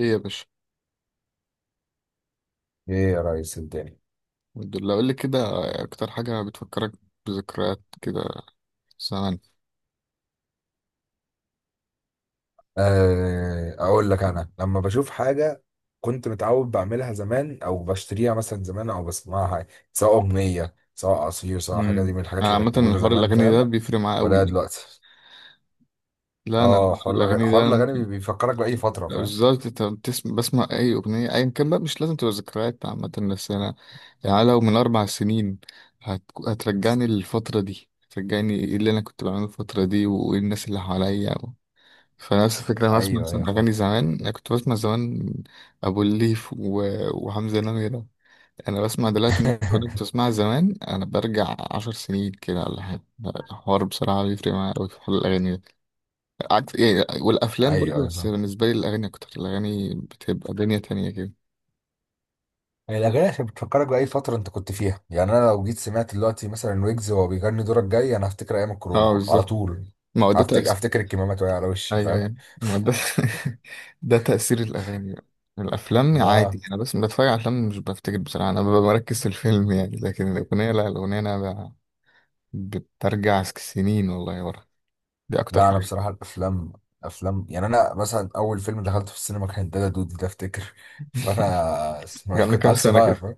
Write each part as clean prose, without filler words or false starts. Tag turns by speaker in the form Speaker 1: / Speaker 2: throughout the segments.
Speaker 1: ايه يا باشا.
Speaker 2: ايه يا ريس الدنيا.
Speaker 1: الحمد لله، قول لي كده. اكتر حاجه بتفكرك بذكريات كده زمان؟
Speaker 2: آه، اقول لك انا لما بشوف حاجه كنت متعود بعملها زمان او بشتريها مثلا زمان او بسمعها، سواء اغنيه سواء عصير سواء حاجه، دي من الحاجات
Speaker 1: انا
Speaker 2: اللي
Speaker 1: عامه
Speaker 2: كانت موجوده
Speaker 1: الحوار
Speaker 2: زمان،
Speaker 1: الاغاني ده
Speaker 2: فاهم
Speaker 1: بيفرق معايا
Speaker 2: ولا
Speaker 1: قوي.
Speaker 2: دلوقتي؟
Speaker 1: لا، انا
Speaker 2: اه،
Speaker 1: الاغاني
Speaker 2: حوار
Speaker 1: ده
Speaker 2: الاغاني
Speaker 1: ممكن
Speaker 2: بيفكرك باي فتره، فاهم.
Speaker 1: بالظبط. انت بتسمع، بسمع اي اغنيه ايا كان بقى، مش لازم تبقى ذكريات عامه. بس انا يعني لو من اربع سنين هت... هترجعني للفتره دي، هترجعني ايه اللي انا كنت بعمله الفتره دي وايه الناس اللي حواليا فنفس الفكره. انا بسمع
Speaker 2: ايوه
Speaker 1: مثلا
Speaker 2: ايوه فاهم.
Speaker 1: اغاني زمان، انا كنت بسمع زمان ابو الليف وحمزه نمره. انا بسمع دلوقتي ناس بتقول كنت بسمعها زمان، انا برجع عشر سنين كده ولا حاجه. الحوار بصراحه بيفرق معايا قوي في حوار الاغاني ده. عكس إيه، والافلام
Speaker 2: ايوه
Speaker 1: برضه،
Speaker 2: ايوه
Speaker 1: بس
Speaker 2: فاهم.
Speaker 1: بالنسبه لي الاغاني اكتر. الاغاني بتبقى دنيا تانية كده.
Speaker 2: هي الاغاني عشان بتفكرك باي فتره انت كنت فيها، يعني انا لو جيت سمعت دلوقتي مثلا ويجز وهو بيغني دورك جاي، انا هفتكر ايام الكورونا
Speaker 1: اه
Speaker 2: على
Speaker 1: بالظبط،
Speaker 2: طول.
Speaker 1: ما هو ده
Speaker 2: هفتكر
Speaker 1: تاثير.
Speaker 2: هفتكر الكمامات وهي على وشي،
Speaker 1: ايوه
Speaker 2: فاهم.
Speaker 1: ايوه، ما هو ده ده تاثير الاغاني بقى. الافلام عادي،
Speaker 2: آه.
Speaker 1: انا بس بتفرج على افلام مش بفتكر بصراحه، انا ببقى مركز في الفيلم يعني. لكن الاغنيه لا، الاغنيه انا بترجع سنين والله ورا. دي اكتر
Speaker 2: لا انا
Speaker 1: حاجه.
Speaker 2: بصراحه الافلام، افلام، يعني انا مثلا اول فيلم دخلته في السينما كان دادا دودي ده، افتكر فانا اسمه- إيه،
Speaker 1: يعني
Speaker 2: كنت
Speaker 1: كام
Speaker 2: عيل
Speaker 1: سنه
Speaker 2: صغير،
Speaker 1: كده؟
Speaker 2: فاهم.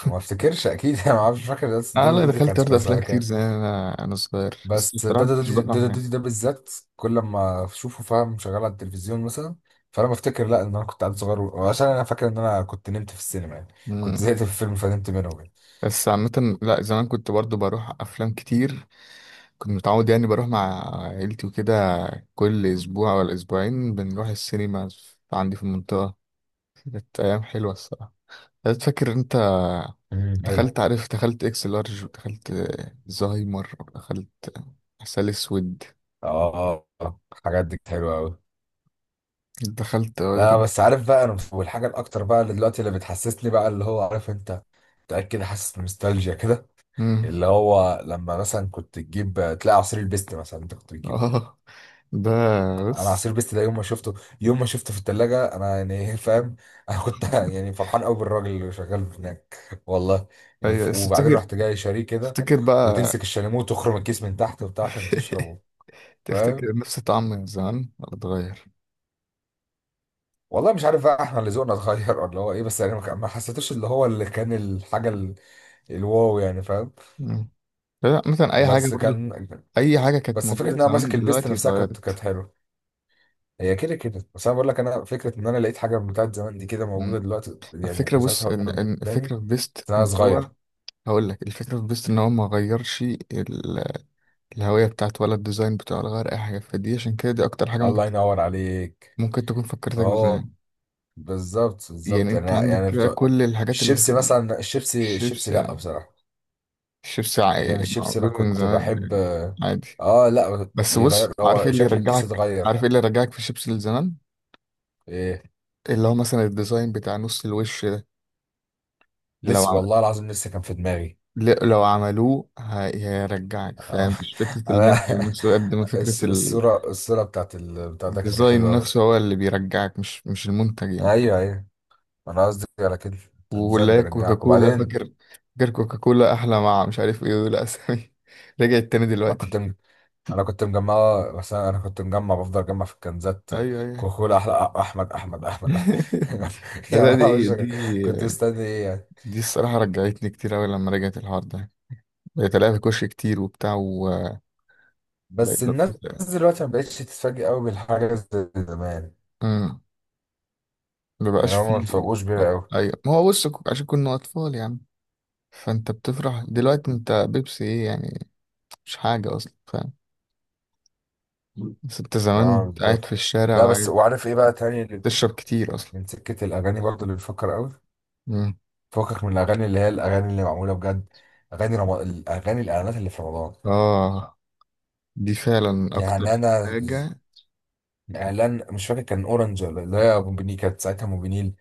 Speaker 2: وما افتكرش اكيد انا ما اعرفش فاكر، بس
Speaker 1: اه
Speaker 2: دادا
Speaker 1: لا،
Speaker 2: دودي كان
Speaker 1: دخلت ارض
Speaker 2: كان
Speaker 1: افلام
Speaker 2: سنه
Speaker 1: كتير
Speaker 2: كام.
Speaker 1: زمان، انا صغير بس
Speaker 2: بس
Speaker 1: بصراحه ما
Speaker 2: دادا
Speaker 1: كنتش
Speaker 2: دودي،
Speaker 1: بفهم
Speaker 2: دادا
Speaker 1: حاجه.
Speaker 2: دودي ده بالذات، كل ما اشوفه فاهم شغال على التلفزيون مثلا، فانا بفتكر لا ان انا كنت عيل صغير، وعشان انا فاكر ان انا كنت نمت في السينما يعني، كنت
Speaker 1: مم.
Speaker 2: زهقت في الفيلم فنمت منه يعني.
Speaker 1: بس عامه لا، زمان كنت برضو بروح افلام كتير. كنت متعود يعني بروح مع عيلتي وكده. كل اسبوع ولا اسبوعين بنروح السينما عندي في المنطقه. كانت ايام حلوه الصراحه. أنا فاكر انت
Speaker 2: حلو.
Speaker 1: دخلت. عارف، دخلت اكس لارج، ودخلت زهايمر، ودخلت عسل اسود.
Speaker 2: اه آه، آه. الحاجات دي حلوه قوي.
Speaker 1: دخلت، اه
Speaker 2: لا
Speaker 1: دخلت.
Speaker 2: بس عارف بقى، انا والحاجه الاكتر بقى اللي دلوقتي اللي بتحسسني بقى اللي هو عارف انت، متاكد حاسس بنوستالجيا كده،
Speaker 1: مم.
Speaker 2: اللي هو لما مثلا كنت تجيب تلاقي عصير البيست مثلا، انت كنت بتجيب.
Speaker 1: اه ده
Speaker 2: انا عصير
Speaker 1: بس
Speaker 2: البيست ده يوم ما شفته، يوم ما شفته في الثلاجه انا يعني فاهم. انا كنت يعني فرحان قوي بالراجل اللي شغال هناك والله. يعني
Speaker 1: ايوه بس
Speaker 2: وبعدين
Speaker 1: تفتكر،
Speaker 2: رحت جاي شاريه كده،
Speaker 1: تفتكر بقى
Speaker 2: وتمسك الشاليمو وتخرم الكيس من تحت وبتاع عشان تشربه، فاهم.
Speaker 1: تفتكر نفس الطعم من زمان ولا اتغير؟
Speaker 2: والله مش عارف بقى احنا اللي ذوقنا اتغير ولا هو ايه، بس يعني ما حسيتوش اللي هو اللي كان الحاجه الواو، يعني فاهم.
Speaker 1: مم. لا مثلا اي حاجه
Speaker 2: بس
Speaker 1: برضو،
Speaker 2: كان،
Speaker 1: اي حاجه كانت
Speaker 2: بس فكره ان
Speaker 1: موجوده
Speaker 2: انا ماسك
Speaker 1: زمان
Speaker 2: البيست
Speaker 1: دلوقتي
Speaker 2: نفسها كانت
Speaker 1: اتغيرت.
Speaker 2: كانت حلوه. هي كده كده، بس انا بقول لك انا فكره ان انا لقيت حاجه بتاعت زمان دي كده موجوده
Speaker 1: مم.
Speaker 2: دلوقتي
Speaker 1: الفكره
Speaker 2: يعني
Speaker 1: بص
Speaker 2: ساعتها،
Speaker 1: ان، إن
Speaker 2: قدامي،
Speaker 1: الفكره في بيست
Speaker 2: انا
Speaker 1: ان هو،
Speaker 2: صغير.
Speaker 1: هقول لك الفكره في بيست ان هو ما غيرش الهويه بتاعته ولا الديزاين بتاعه ولا غير اي حاجه. فدي عشان كده دي اكتر حاجه ممكن،
Speaker 2: الله ينور عليك.
Speaker 1: ممكن تكون فكرتك
Speaker 2: اهو،
Speaker 1: بزمان.
Speaker 2: بالظبط
Speaker 1: يعني
Speaker 2: بالظبط، يعني
Speaker 1: انت عندك
Speaker 2: يعني
Speaker 1: كده
Speaker 2: بتوع
Speaker 1: كل الحاجات اللي،
Speaker 2: الشيبسي مثلا، الشيبسي
Speaker 1: الشيبس
Speaker 2: الشيبسي لا
Speaker 1: يعني.
Speaker 2: بصراحه،
Speaker 1: الشيبس
Speaker 2: يعني الشيبسي انا
Speaker 1: موجود من
Speaker 2: كنت
Speaker 1: زمان
Speaker 2: بحب.
Speaker 1: يعني، عادي.
Speaker 2: اه لا
Speaker 1: بس بص،
Speaker 2: يغير،
Speaker 1: عارف ايه
Speaker 2: هو
Speaker 1: اللي
Speaker 2: شكل الكيس
Speaker 1: يرجعك،
Speaker 2: اتغير.
Speaker 1: عارف ايه اللي يرجعك في الشيبس لزمان؟
Speaker 2: إيه،
Speaker 1: اللي هو مثلا الديزاين بتاع نص الوش ده. لو
Speaker 2: لسه
Speaker 1: عم...
Speaker 2: والله العظيم لسه كان في دماغي.
Speaker 1: لو عملوه هيرجعك.
Speaker 2: آه،
Speaker 1: فاهم، مش فكرة المنتج
Speaker 2: انا
Speaker 1: نفسه قد ما فكرة
Speaker 2: الصورة، الصورة بتاعت بتاع ده كانت
Speaker 1: الديزاين
Speaker 2: حلوة أوي.
Speaker 1: نفسه، هو اللي بيرجعك، مش المنتج يعني.
Speaker 2: ايوه ايوه، انا قصدي على كده.
Speaker 1: واللي
Speaker 2: الذنب
Speaker 1: هي
Speaker 2: بيرجعك،
Speaker 1: كوكاكولا،
Speaker 2: وبعدين
Speaker 1: فاكر؟ فاكر كوكاكولا أحلى مع مش عارف إيه، دول أسامي رجعت تاني
Speaker 2: انا كنت
Speaker 1: دلوقتي.
Speaker 2: م... انا كنت مجمع، بس انا كنت مجمع بفضل اجمع في الكنزات.
Speaker 1: أيوه أيوه
Speaker 2: كوكولا احلى احمد احمد احمد أحمد. يا
Speaker 1: لا، دي
Speaker 2: ما
Speaker 1: إيه
Speaker 2: مش، كنت
Speaker 1: دي؟
Speaker 2: مستني ايه يعني.
Speaker 1: دي الصراحة رجعتني كتير أوي لما رجعت الحوار ده، بقيت ألاقيها في كوش كتير وبتاع وبقيت.
Speaker 2: بس الناس دلوقتي ما بقتش تتفاجئ قوي بالحاجة زي زمان،
Speaker 1: أمم. ما
Speaker 2: يعني
Speaker 1: بقاش
Speaker 2: هم ما
Speaker 1: فيه.
Speaker 2: اتفاجئوش بيها قوي.
Speaker 1: ايوه، ما هو بص عشان كنا اطفال يعني. فانت بتفرح دلوقتي، انت بيبسي ايه يعني، مش حاجه اصلا. فاهم؟ بس انت
Speaker 2: اه
Speaker 1: زمان قاعد في
Speaker 2: بالظبط.
Speaker 1: الشارع
Speaker 2: لا بس
Speaker 1: وقاعد
Speaker 2: وعارف ايه بقى تاني اللي،
Speaker 1: تشرب كتير اصلا.
Speaker 2: من سكة الاغاني برضه اللي بفكر قوي
Speaker 1: مم.
Speaker 2: فكك، من الاغاني اللي هي الاغاني اللي معموله بجد، الاغاني الاعلانات اللي في رمضان.
Speaker 1: اه دي فعلا اكتر
Speaker 2: يعني انا ز-
Speaker 1: حاجه.
Speaker 2: اعلان مش فاكر كان اورنج ولا اللي هي موبينيل، كانت ساعتها موبينيل،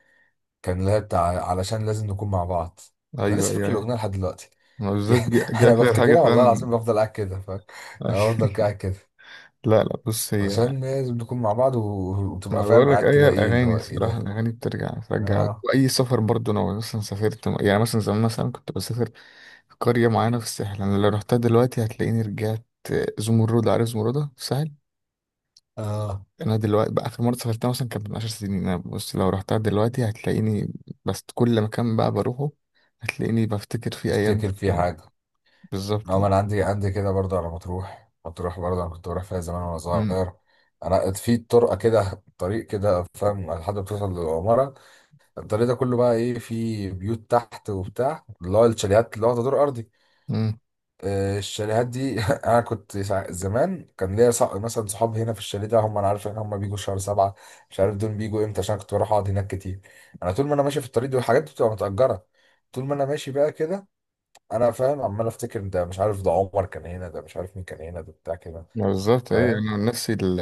Speaker 2: كان اللي هي بتاع علشان لازم نكون مع بعض. انا
Speaker 1: ايوه
Speaker 2: لسه فاكر
Speaker 1: ايوه ايوه،
Speaker 2: الاغنيه لحد دلوقتي.
Speaker 1: ما بالذات،
Speaker 2: يعني
Speaker 1: دي
Speaker 2: انا
Speaker 1: اكتر حاجه
Speaker 2: بفتكرها والله
Speaker 1: فعلا.
Speaker 2: العظيم، بفضل قاعد كده فاهم، افضل قاعد كده،
Speaker 1: لا لا بص هي،
Speaker 2: علشان لازم نكون مع بعض وتبقى
Speaker 1: انا
Speaker 2: فاهم
Speaker 1: بقول لك
Speaker 2: قاعد
Speaker 1: اي
Speaker 2: كده ايه اللي
Speaker 1: الاغاني
Speaker 2: هو ايه
Speaker 1: الصراحه،
Speaker 2: ده.
Speaker 1: الاغاني بترجع.
Speaker 2: اه
Speaker 1: واي سفر برضو، انا مثلا سافرت يعني، مثلا زمان مثلا كنت بسافر في قريه معينه في الساحل. انا لو رحتها دلوقتي هتلاقيني رجعت. زمرد، عارف زمردة في الساحل؟
Speaker 2: اه
Speaker 1: انا دلوقتي بقى، اخر مره سافرتها مثلا كانت من 10 سنين. انا بص لو رحتها دلوقتي هتلاقيني، بس كل مكان بقى بروحه هتلاقيني بفتكر فيه ايام
Speaker 2: افتكر في
Speaker 1: زمان.
Speaker 2: حاجه.
Speaker 1: بالظبط.
Speaker 2: اه، ما انا عندي، عندي كده برضه على مطروح، مطروح برضه انا كنت بروح فيها زمان وانا
Speaker 1: مم.
Speaker 2: صغير. انا في طرقه كده، طريق كده فاهم، لحد ما توصل للعماره. الطريق ده كله بقى ايه، في بيوت تحت وبتاع، اللي هو الشاليهات اللي واخده دور ارضي.
Speaker 1: مم.
Speaker 2: آه، الشاليهات دي انا زمان كان ليا مثلا صحاب هنا في الشاليه ده، هم انا عارف ان هم بيجوا شهر سبعة، مش عارف دول بيجوا امتى، عشان كنت بروح اقعد هناك كتير. انا طول ما انا ماشي في الطريق دي، والحاجات دي بتبقى متأجرة، طول ما انا ماشي بقى كده، انا فاهم عمال افتكر، ده مش عارف ده عمر كان هنا، ده مش عارف مين كان هنا، ده بتاع كده،
Speaker 1: بالظبط ايه،
Speaker 2: فاهم.
Speaker 1: انا عن نفسي ال...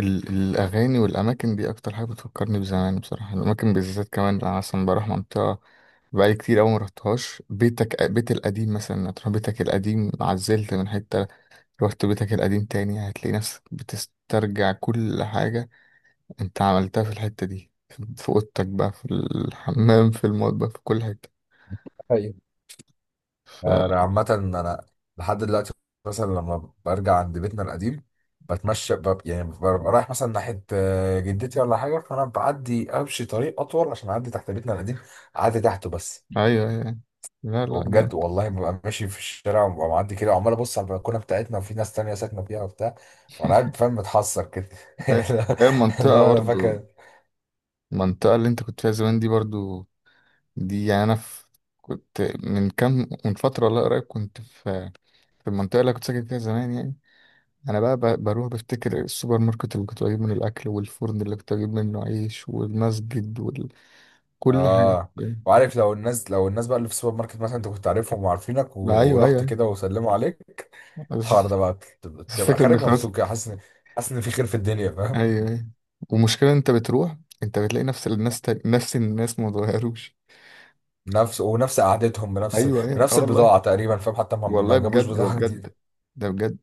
Speaker 1: ال... الاغاني والاماكن دي اكتر حاجه بتفكرني بزمان. بصراحه الاماكن بالذات كمان، انا مثلا بروح منطقه بقالي كتير قوي ما رحتهاش. بيتك، بيت القديم مثلا، تروح بيتك القديم، عزلت من حته رحت بيتك القديم تاني هتلاقي نفسك بتسترجع كل حاجه انت عملتها في الحته دي، في اوضتك بقى، في الحمام، في المطبخ، في كل حته
Speaker 2: ايوه،
Speaker 1: ف.
Speaker 2: انا عامة انا لحد دلوقتي مثلا لما برجع عند بيتنا القديم، يعني ببقى رايح مثلا ناحية آه، جدتي ولا حاجة، فأنا بعدي أمشي طريق أطول عشان أعدي تحت بيتنا القديم، أعدي تحته بس.
Speaker 1: ايوه ايوه، لا لا
Speaker 2: وبجد
Speaker 1: جامد.
Speaker 2: والله ببقى ماشي في الشارع، وببقى معدي كده وعمال أبص على البلكونة بتاعتنا، وفي ناس تانية ساكنة فيها وبتاع، وأنا قاعد فاهم متحسر كده.
Speaker 1: أيوة. هي
Speaker 2: اللي
Speaker 1: المنطقه
Speaker 2: هو أنا
Speaker 1: برضو،
Speaker 2: فاكر.
Speaker 1: المنطقة اللي انت كنت فيها زمان دي برضو، دي يعني انا في، كنت من كام من فتره، لا قريب كنت في المنطقه اللي كنت ساكن فيها زمان يعني. انا بقى بروح بفتكر السوبر ماركت اللي كنت بجيب منه الاكل، والفرن اللي كنت بجيب منه عيش، والمسجد، وكل حاجه.
Speaker 2: اه، وعارف لو الناس، لو الناس بقى اللي في السوبر ماركت مثلا، انت كنت عارفهم وعارفينك
Speaker 1: ما ايوه ايوه
Speaker 2: ورحت
Speaker 1: أيوة.
Speaker 2: كده وسلموا عليك،
Speaker 1: بس
Speaker 2: الحوار ده بقى تبقى،
Speaker 1: بس
Speaker 2: تبقى
Speaker 1: الفكره ان
Speaker 2: خارج
Speaker 1: خلاص.
Speaker 2: مبسوط كده، حاسس ان، حاسس ان في خير في الدنيا، فاهم.
Speaker 1: ايوه ايوه. ومشكله انت بتروح، انت بتلاقي نفس الناس تاني. نفس الناس ما اتغيروش.
Speaker 2: نفس، ونفس قعدتهم، بنفس،
Speaker 1: ايوه ايوه اه
Speaker 2: بنفس
Speaker 1: والله.
Speaker 2: البضاعة تقريبا، فاهم، حتى ما
Speaker 1: والله
Speaker 2: جابوش
Speaker 1: بجد، ده
Speaker 2: بضاعة جديدة.
Speaker 1: بجد، ده بجد.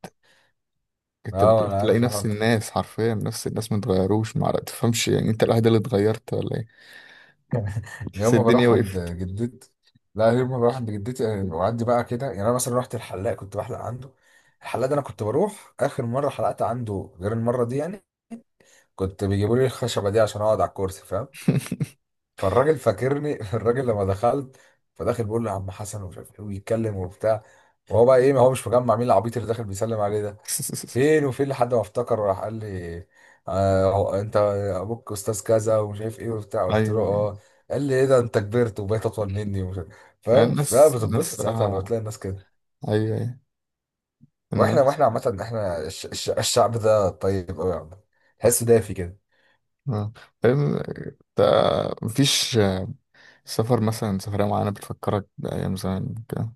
Speaker 1: انت
Speaker 2: اه
Speaker 1: بتروح
Speaker 2: انا
Speaker 1: تلاقي
Speaker 2: عارف الحوار
Speaker 1: نفس
Speaker 2: ده.
Speaker 1: الناس حرفيا، نفس الناس ما اتغيروش. ما تفهمش يعني انت الوحيد اللي اتغيرت ولا ايه؟ بس
Speaker 2: يوم ما
Speaker 1: الدنيا
Speaker 2: بروح عند
Speaker 1: وقفت.
Speaker 2: جدتي، لا يوم ما بروح عند جدتي آه، واعدي بقى كده، يعني انا مثلا رحت الحلاق كنت بحلق عنده. الحلاق ده انا كنت بروح، اخر مرة حلقت عنده غير المرة دي يعني، كنت بيجيبوا لي الخشبة دي عشان اقعد على الكرسي، فاهم. فالراجل فاكرني، الراجل لما دخلت، فداخل بيقول له يا عم حسن ومش عارف ايه ويتكلم وبتاع، وهو بقى ايه، ما هو مش مجمع مين العبيط اللي داخل بيسلم عليه ده. فين وفين لحد ما افتكر راح قال لي، آه هو انت، ابوك استاذ كذا ومش عارف ايه وبتاع، قلت
Speaker 1: ايوه
Speaker 2: له
Speaker 1: ايوه
Speaker 2: اه. قال لي ايه ده، انت كبرت وبقيت اطول مني ومش عارف،
Speaker 1: يعني
Speaker 2: فاهم.
Speaker 1: الناس
Speaker 2: فبتتبسط
Speaker 1: الناس
Speaker 2: ساعتها لما
Speaker 1: صراحة.
Speaker 2: بتلاقي الناس كده.
Speaker 1: ايوه ايوه.
Speaker 2: واحنا،
Speaker 1: الناس،
Speaker 2: واحنا عامه احنا الشعب ده طيب قوي يعني، تحسه دافي كده.
Speaker 1: اه فاهم انت. مفيش سفر مثلا، سفرية معينة بتفكرك بأيام زمان كده؟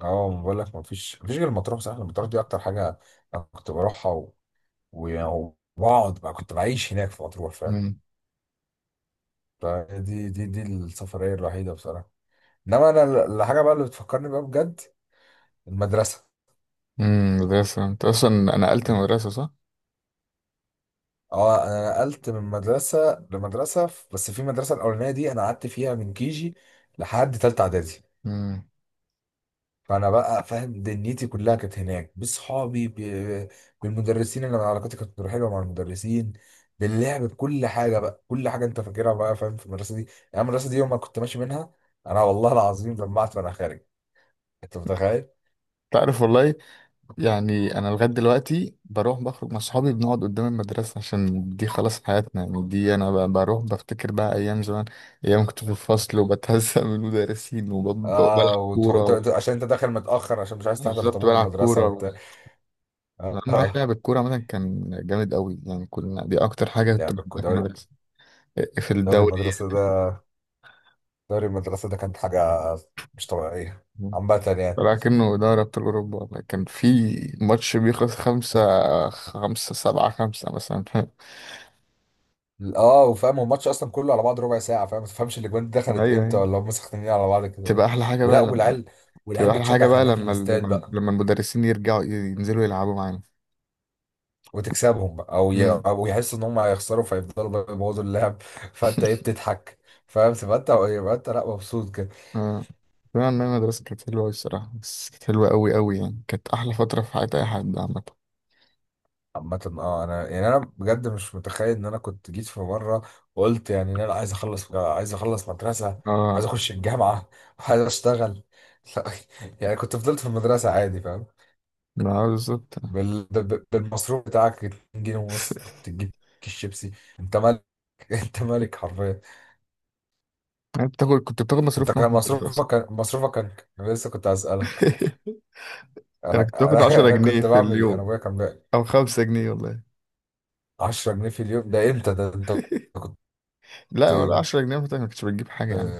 Speaker 2: اه بقول لك، ما فيش غير المطروح، صح، المطروح دي اكتر حاجه. انا كنت بروحها وبقعد بقى، كنت بعيش هناك في مطروح فاهم.
Speaker 1: امم.
Speaker 2: فدي دي السفرية الوحيدة بصراحة. انما انا الحاجة بقى اللي بتفكرني بقى بجد، المدرسة.
Speaker 1: مدرسة، انت اصلا نقلت مدرسة صح؟
Speaker 2: اه انا نقلت من مدرسة لمدرسة بس في المدرسة الاولانية دي انا قعدت فيها من كيجي لحد تالتة اعدادي.
Speaker 1: امم.
Speaker 2: فانا بقى فاهم دنيتي كلها كانت هناك، بصحابي بالمدرسين، انا علاقتي كانت حلوه مع المدرسين، باللعب، بكل حاجه بقى، كل حاجه انت فاكرها بقى فاهم في المدرسه دي. يعني المدرسه دي يوم ما كنت ماشي منها، انا والله العظيم دمعت وانا خارج، انت متخيل.
Speaker 1: تعرف والله، يعني انا لغايه دلوقتي بروح بخرج مع صحابي بنقعد قدام المدرسه، عشان دي خلاص حياتنا يعني. دي انا بروح بفتكر بقى ايام زمان، ايام كنت في الفصل وبتهزق من المدرسين
Speaker 2: اه
Speaker 1: وبلعب كوره.
Speaker 2: عشان انت داخل متاخر عشان مش عايز تحضر
Speaker 1: بالظبط
Speaker 2: طابور
Speaker 1: بلعب
Speaker 2: المدرسه
Speaker 1: كوره.
Speaker 2: وبتاع. اه
Speaker 1: اهم حاجه
Speaker 2: آه.
Speaker 1: لعب الكوره مثلا كان جامد قوي يعني. كنا، دي اكتر حاجه كنت بحبها في
Speaker 2: دوري،
Speaker 1: المدرسه، في
Speaker 2: دوري
Speaker 1: الدوري.
Speaker 2: المدرسه ده، دوري المدرسه ده كانت حاجه مش طبيعيه عامه يعني.
Speaker 1: لكنه دوري ابطال اوروبا والله، كان في ماتش بيخلص خمسة خمسة، سبعة خمسة مثلا
Speaker 2: اه وفاهم هو الماتش اصلا كله على بعض ربع ساعه، فاهم، ما تفهمش الاجوان دي دخلت
Speaker 1: ايوه
Speaker 2: امتى،
Speaker 1: أيوة.
Speaker 2: ولا هم سخنانين على بعض كده ليه.
Speaker 1: تبقى احلى حاجه
Speaker 2: ولا
Speaker 1: بقى لما
Speaker 2: والعيال،
Speaker 1: تبقى
Speaker 2: والعيال
Speaker 1: احلى حاجه
Speaker 2: بتشجع
Speaker 1: بقى
Speaker 2: كانها في
Speaker 1: لما ال...
Speaker 2: الاستاد بقى.
Speaker 1: لما المدرسين يرجعوا ينزلوا يلعبوا معانا.
Speaker 2: وتكسبهم بقى
Speaker 1: امم.
Speaker 2: او يحسوا ان هم هيخسروا فيفضلوا بقى يبوظوا اللعب، فانت ايه بتضحك. فاهم، تبقى انت، يبقى انت لا مبسوط كده.
Speaker 1: اه فعلا إن المدرسه كانت حلوه أوي الصراحه. بس كانت حلوه قوي قوي يعني. كانت احلى فتره في حياه اي حد عامه.
Speaker 2: عامة اه انا يعني انا بجد مش متخيل ان انا كنت جيت في مره وقلت يعني ان انا عايز اخلص، عايز اخلص مدرسه، عايز
Speaker 1: اه
Speaker 2: اخش الجامعه، عايز اشتغل. لا، يعني كنت فضلت في المدرسه عادي فاهم.
Speaker 1: ما هو بالظبط.
Speaker 2: بالمصروف بتاعك 2 ج ونص تجيب كيس شيبسي، انت مالك. انت مالك حرفيا.
Speaker 1: انت بتاخد، كنت بتاخد مصروف
Speaker 2: انت
Speaker 1: كام في
Speaker 2: كان
Speaker 1: المدرسه اصلا؟
Speaker 2: مصروفك، كان مصروفك كان، انا لسه كنت هسألك.
Speaker 1: انا كنت باخد 10
Speaker 2: أنا
Speaker 1: جنيه
Speaker 2: كنت
Speaker 1: في
Speaker 2: بعمل ايه؟ انا
Speaker 1: اليوم،
Speaker 2: ابويا كان بيعمل
Speaker 1: او 5 جنيه والله.
Speaker 2: 10 ج في اليوم، ده امتى ده، انت كنت،
Speaker 1: لا، ولا
Speaker 2: انت
Speaker 1: 10 جنيه مثلا ما كنتش بتجيب حاجه يعني.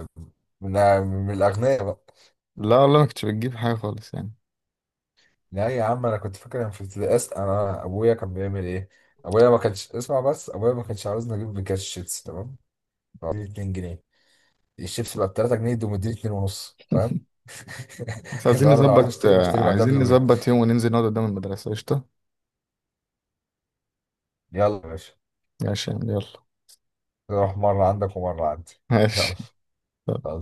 Speaker 2: من، من الاغنياء بقى.
Speaker 1: لا والله ما كنتش بتجيب حاجه خالص يعني.
Speaker 2: لا يا عم، انا كنت فاكر انا في ابتدائي انا ابويا كان بيعمل ايه. ابويا ما كانش اسمع، بس ابويا ما كانش عاوزني اجيب بكاش شيبسي تمام، فقال لي 2 ج، الشيبس بقى ب 3 ج دي، مديني 2 ونص فاهم.
Speaker 1: بس
Speaker 2: اللي
Speaker 1: عايزين
Speaker 2: هو انا لو عايز
Speaker 1: نظبط،
Speaker 2: اشتري بشتري بعدها
Speaker 1: عايزين
Speaker 2: بيومين.
Speaker 1: نظبط يوم وننزل نقعد قدام المدرسه قشطه.
Speaker 2: يلا يا باشا،
Speaker 1: ماشي يلا.
Speaker 2: نروح مره عندك ومره عندي. يلا.
Speaker 1: ماشي.
Speaker 2: خلاص.